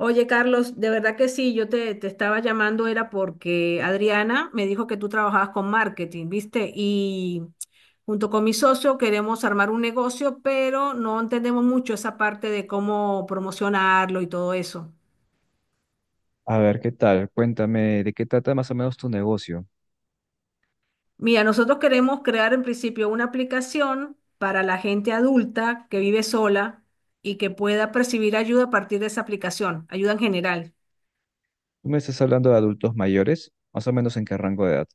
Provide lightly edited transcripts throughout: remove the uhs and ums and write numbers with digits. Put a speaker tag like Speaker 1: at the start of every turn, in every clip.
Speaker 1: Oye, Carlos, de verdad que sí, yo te estaba llamando, era porque Adriana me dijo que tú trabajabas con marketing, ¿viste? Y junto con mi socio queremos armar un negocio, pero no entendemos mucho esa parte de cómo promocionarlo y todo eso.
Speaker 2: A ver, ¿qué tal? Cuéntame, ¿de qué trata más o menos tu negocio?
Speaker 1: Mira, nosotros queremos crear en principio una aplicación para la gente adulta que vive sola y que pueda percibir ayuda a partir de esa aplicación, ayuda en general.
Speaker 2: Tú me estás hablando de adultos mayores, más o menos en qué rango de edad.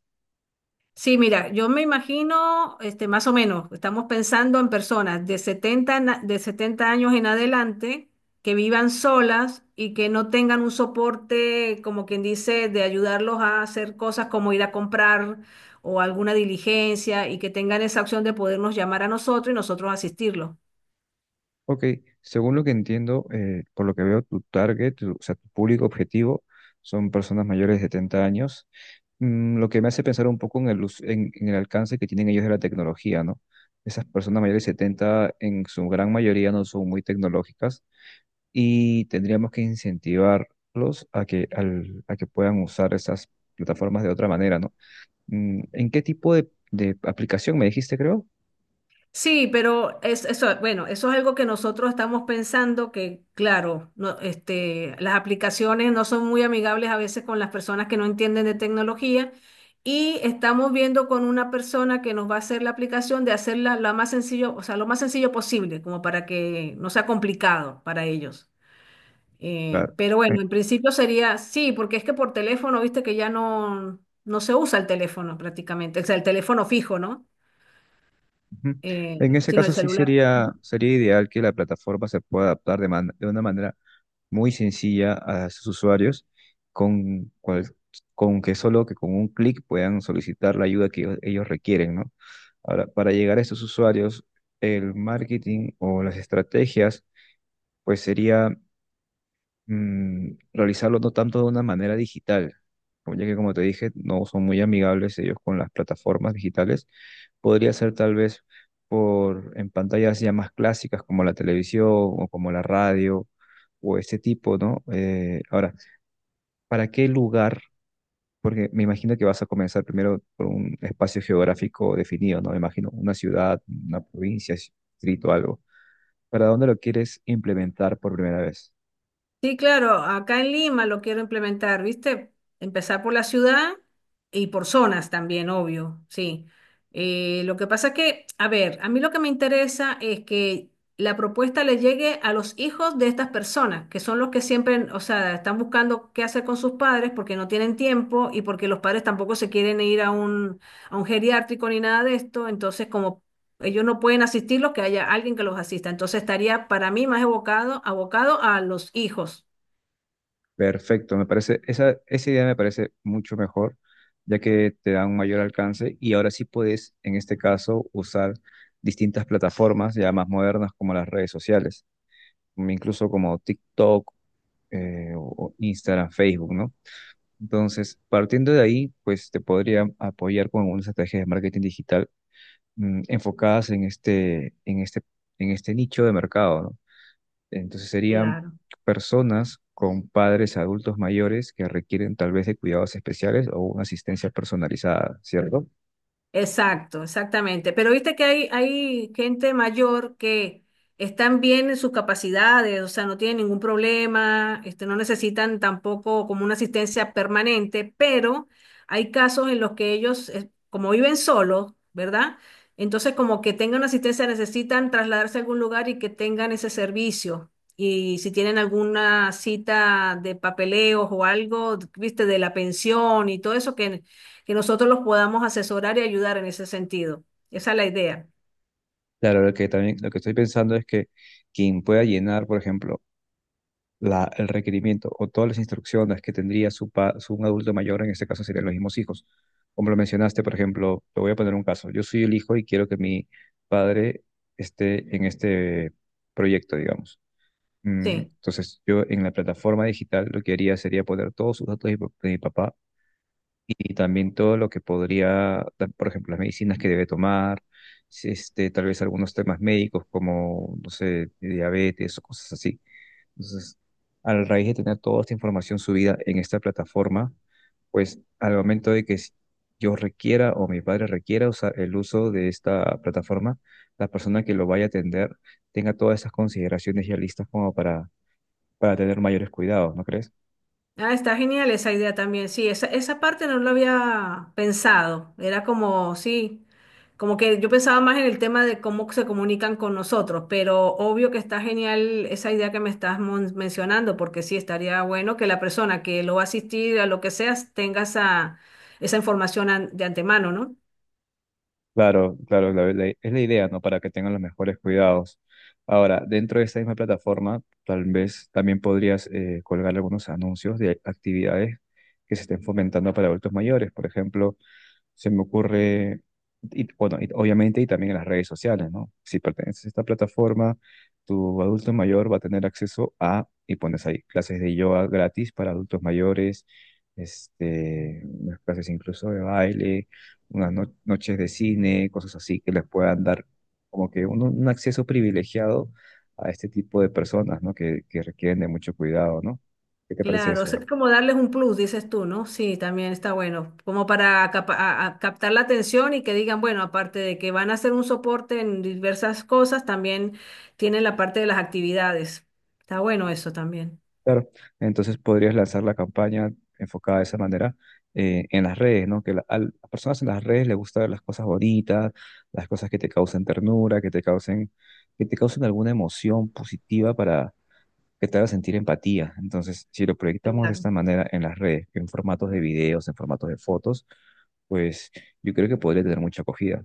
Speaker 1: Sí, mira, yo me imagino, este, más o menos, estamos pensando en personas de de 70 años en adelante que vivan solas y que no tengan un soporte, como quien dice, de ayudarlos a hacer cosas como ir a comprar o alguna diligencia y que tengan esa opción de podernos llamar a nosotros y nosotros asistirlos.
Speaker 2: Ok, según lo que entiendo, por lo que veo, tu target, o sea, tu público objetivo son personas mayores de 70 años. Lo que me hace pensar un poco en el, en el alcance que tienen ellos de la tecnología, ¿no? Esas personas mayores de 70 en su gran mayoría no son muy tecnológicas y tendríamos que incentivarlos a que, a que puedan usar esas plataformas de otra manera, ¿no? ¿En qué tipo de aplicación me dijiste, creo?
Speaker 1: Sí, pero es, eso, bueno, eso es algo que nosotros estamos pensando que, claro, no, este, las aplicaciones no son muy amigables a veces con las personas que no entienden de tecnología y estamos viendo con una persona que nos va a hacer la aplicación de hacerla lo más sencillo, o sea, lo más sencillo posible, como para que no sea complicado para ellos. Eh,
Speaker 2: Claro.
Speaker 1: pero
Speaker 2: Eh,
Speaker 1: bueno, en principio sería, sí, porque es que por teléfono, viste que ya no se usa el teléfono prácticamente, o sea, el teléfono fijo, ¿no?
Speaker 2: ujú. En
Speaker 1: Eh,
Speaker 2: ese
Speaker 1: sino el
Speaker 2: caso sí
Speaker 1: celular.
Speaker 2: sería, sería ideal que la plataforma se pueda adaptar de, de una manera muy sencilla a sus usuarios, con, cual- con que solo que con un clic puedan solicitar la ayuda que ellos requieren, ¿no? Ahora, para llegar a estos usuarios, el marketing o las estrategias, pues sería, realizarlo no tanto de una manera digital, ya que como te dije, no son muy amigables ellos con las plataformas digitales. Podría ser tal vez por en pantallas ya más clásicas como la televisión o como la radio o ese tipo, ¿no? Ahora, ¿para qué lugar? Porque me imagino que vas a comenzar primero por un espacio geográfico definido, ¿no? Me imagino una ciudad, una provincia, distrito, algo. ¿Para dónde lo quieres implementar por primera vez?
Speaker 1: Sí, claro, acá en Lima lo quiero implementar, ¿viste? Empezar por la ciudad y por zonas también, obvio, sí. Lo que pasa es que, a ver, a mí lo que me interesa es que la propuesta le llegue a los hijos de estas personas, que son los que siempre, o sea, están buscando qué hacer con sus padres porque no tienen tiempo y porque los padres tampoco se quieren ir a a un geriátrico ni nada de esto, entonces como ellos no pueden asistirlos, que haya alguien que los asista. Entonces estaría para mí más evocado, abocado a los hijos.
Speaker 2: Perfecto, me parece, esa idea me parece mucho mejor, ya que te da un mayor alcance y ahora sí puedes, en este caso, usar distintas plataformas ya más modernas como las redes sociales, incluso como TikTok, o Instagram, Facebook, ¿no? Entonces, partiendo de ahí, pues te podría apoyar con algunas estrategias de marketing digital, enfocadas en este nicho de mercado, ¿no? Entonces serían
Speaker 1: Claro.
Speaker 2: personas con padres adultos mayores que requieren tal vez de cuidados especiales o una asistencia personalizada, ¿cierto?
Speaker 1: Exacto, exactamente. Pero viste que hay gente mayor que están bien en sus capacidades, o sea, no tienen ningún problema, este, no necesitan tampoco como una asistencia permanente, pero hay casos en los que ellos, como viven solos, ¿verdad? Entonces, como que tengan una asistencia, necesitan trasladarse a algún lugar y que tengan ese servicio. Y si tienen alguna cita de papeleos o algo, viste, de la pensión y todo eso que nosotros los podamos asesorar y ayudar en ese sentido. Esa es la idea.
Speaker 2: Claro, lo que también lo que estoy pensando es que quien pueda llenar, por ejemplo, el requerimiento o todas las instrucciones que tendría su, su un adulto mayor, en este caso serían los mismos hijos. Como lo mencionaste, por ejemplo, te voy a poner un caso. Yo soy el hijo y quiero que mi padre esté en este proyecto, digamos.
Speaker 1: Sí.
Speaker 2: Entonces, yo en la plataforma digital lo que haría sería poner todos sus datos de mi papá y también todo lo que podría, por ejemplo, las medicinas que debe tomar, si, este, tal vez algunos temas médicos como, no sé, diabetes o cosas así. Entonces, a la raíz de tener toda esta información subida en esta plataforma, pues al momento de que yo requiera o mi padre requiera usar el uso de esta plataforma, la persona que lo vaya a atender tenga todas esas consideraciones ya listas como para tener mayores cuidados, ¿no crees?
Speaker 1: Ah, está genial esa idea también. Sí, esa parte no lo había pensado. Era como, sí, como que yo pensaba más en el tema de cómo se comunican con nosotros, pero obvio que está genial esa idea que me estás mencionando, porque sí, estaría bueno que la persona que lo va a asistir a lo que sea tenga esa información de antemano, ¿no?
Speaker 2: Claro, claro, es la idea, ¿no? Para que tengan los mejores cuidados. Ahora, dentro de esta misma plataforma, tal vez también podrías colgar algunos anuncios de actividades que se estén fomentando para adultos mayores. Por ejemplo, se me ocurre, y, bueno, y obviamente, y también en las redes sociales, ¿no? Si perteneces a esta plataforma, tu adulto mayor va a tener acceso a, y pones ahí, clases de yoga gratis para adultos mayores, este, unas clases incluso de baile, unas no- noches de cine, cosas así que les puedan dar como que un acceso privilegiado a este tipo de personas, ¿no? Que requieren de mucho cuidado, ¿no? ¿Qué te parece
Speaker 1: Claro, o
Speaker 2: eso?
Speaker 1: sea, es como darles un plus, dices tú, ¿no? Sí, también está bueno, como para a captar la atención y que digan, bueno, aparte de que van a hacer un soporte en diversas cosas, también tienen la parte de las actividades. Está bueno eso también.
Speaker 2: Claro, entonces podrías lanzar la campaña enfocada de esa manera en las redes, ¿no? Que a las personas en las redes les gusta ver las cosas bonitas, las cosas que te causen ternura, que te causen alguna emoción positiva para que te haga sentir empatía. Entonces, si lo proyectamos de
Speaker 1: Claro.
Speaker 2: esta manera en las redes, en formatos de videos, en formatos de fotos, pues yo creo que podría tener mucha acogida.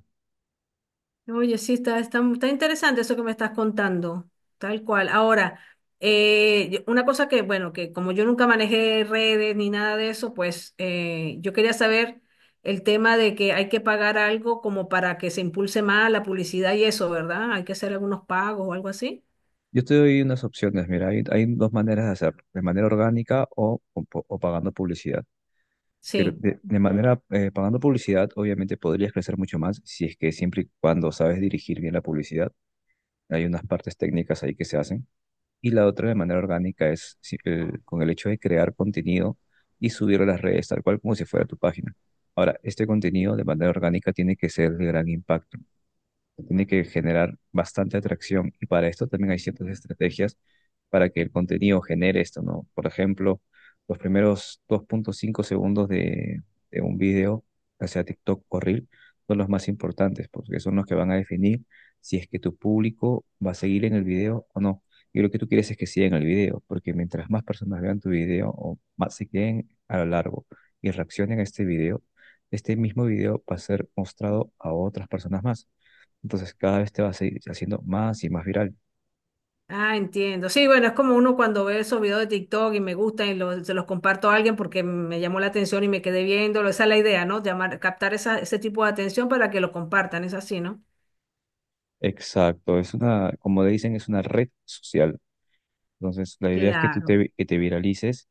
Speaker 1: Oye, sí, está interesante eso que me estás contando, tal cual. Ahora, una cosa que, bueno, que como yo nunca manejé redes ni nada de eso, pues yo quería saber el tema de que hay que pagar algo como para que se impulse más la publicidad y eso, ¿verdad? Hay que hacer algunos pagos o algo así.
Speaker 2: Yo te doy unas opciones, mira, hay dos maneras de hacerlo, de manera orgánica o pagando publicidad. Pero
Speaker 1: Sí.
Speaker 2: de manera, pagando publicidad, obviamente podrías crecer mucho más si es que siempre y cuando sabes dirigir bien la publicidad. Hay unas partes técnicas ahí que se hacen. Y la otra de manera orgánica es con el hecho de crear contenido y subirlo a las redes, tal cual como si fuera tu página. Ahora, este contenido de manera orgánica tiene que ser de gran impacto, se tiene que generar bastante atracción y para esto también hay ciertas estrategias para que el contenido genere esto, ¿no? Por ejemplo, los primeros 2.5 segundos de un video, ya sea TikTok o Reel, son los más importantes porque son los que van a definir si es que tu público va a seguir en el video o no. Y lo que tú quieres es que sigan el video, porque mientras más personas vean tu video o más se queden a lo largo y reaccionen a este video, este mismo video va a ser mostrado a otras personas más. Entonces cada vez te vas a ir haciendo más y más viral.
Speaker 1: Ah, entiendo. Sí, bueno, es como uno cuando ve esos videos de TikTok y me gustan y se los comparto a alguien porque me llamó la atención y me quedé viéndolo. Esa es la idea, ¿no? Llamar, captar ese tipo de atención para que lo compartan, es así, ¿no?
Speaker 2: Exacto, es una, como le dicen, es una red social. Entonces la idea es que tú
Speaker 1: Claro.
Speaker 2: que te viralices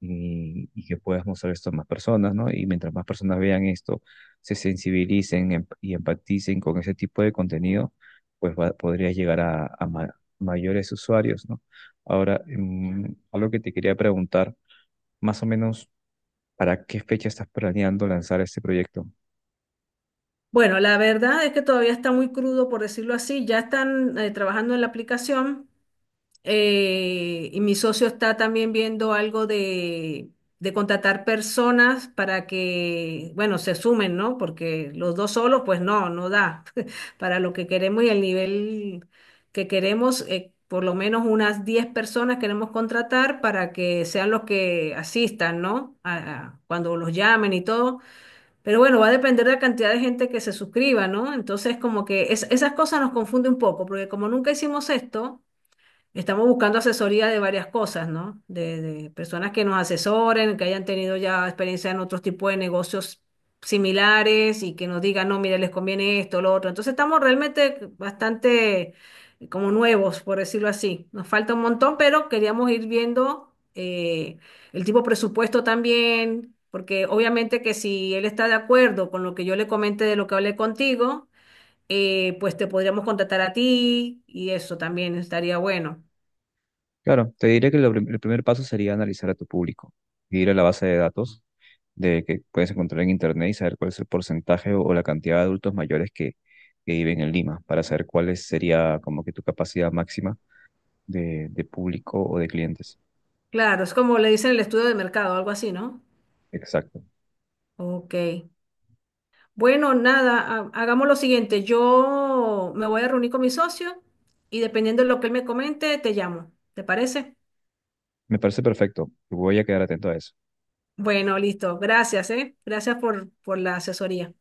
Speaker 2: y que puedas mostrar esto a más personas, ¿no? Y mientras más personas vean esto, se sensibilicen y empaticen con ese tipo de contenido, pues podrías llegar a, mayores usuarios, ¿no? Ahora, algo que te quería preguntar, más o menos, ¿para qué fecha estás planeando lanzar este proyecto?
Speaker 1: Bueno, la verdad es que todavía está muy crudo, por decirlo así. Ya están trabajando en la aplicación. Y mi socio está también viendo algo de contratar personas para que, bueno, se sumen, ¿no? Porque los dos solos, pues no da para lo que queremos y el nivel que queremos. Por lo menos unas 10 personas queremos contratar para que sean los que asistan, ¿no? Cuando los llamen y todo. Pero bueno, va a depender de la cantidad de gente que se suscriba, ¿no? Entonces, como que esas cosas nos confunde un poco, porque como nunca hicimos esto, estamos buscando asesoría de varias cosas, ¿no? De personas que nos asesoren, que hayan tenido ya experiencia en otros tipos de negocios similares y que nos digan, no, mira, les conviene esto, lo otro. Entonces estamos realmente bastante como nuevos, por decirlo así. Nos falta un montón, pero queríamos ir viendo el tipo de presupuesto también, porque obviamente que si él está de acuerdo con lo que yo le comenté de lo que hablé contigo, pues te podríamos contratar a ti y eso también estaría bueno.
Speaker 2: Claro, te diré que lo el primer paso sería analizar a tu público, ir a la base de datos de que puedes encontrar en internet y saber cuál es el porcentaje o la cantidad de adultos mayores que viven en Lima, para saber cuál sería como que tu capacidad máxima de público o de clientes.
Speaker 1: Claro, es como le dicen el estudio de mercado, algo así, ¿no?
Speaker 2: Exacto.
Speaker 1: Ok. Bueno, nada, hagamos lo siguiente. Yo me voy a reunir con mi socio y dependiendo de lo que él me comente, te llamo. ¿Te parece?
Speaker 2: Me parece perfecto. Voy a quedar atento a eso.
Speaker 1: Bueno, listo. Gracias, ¿eh? Gracias por la asesoría.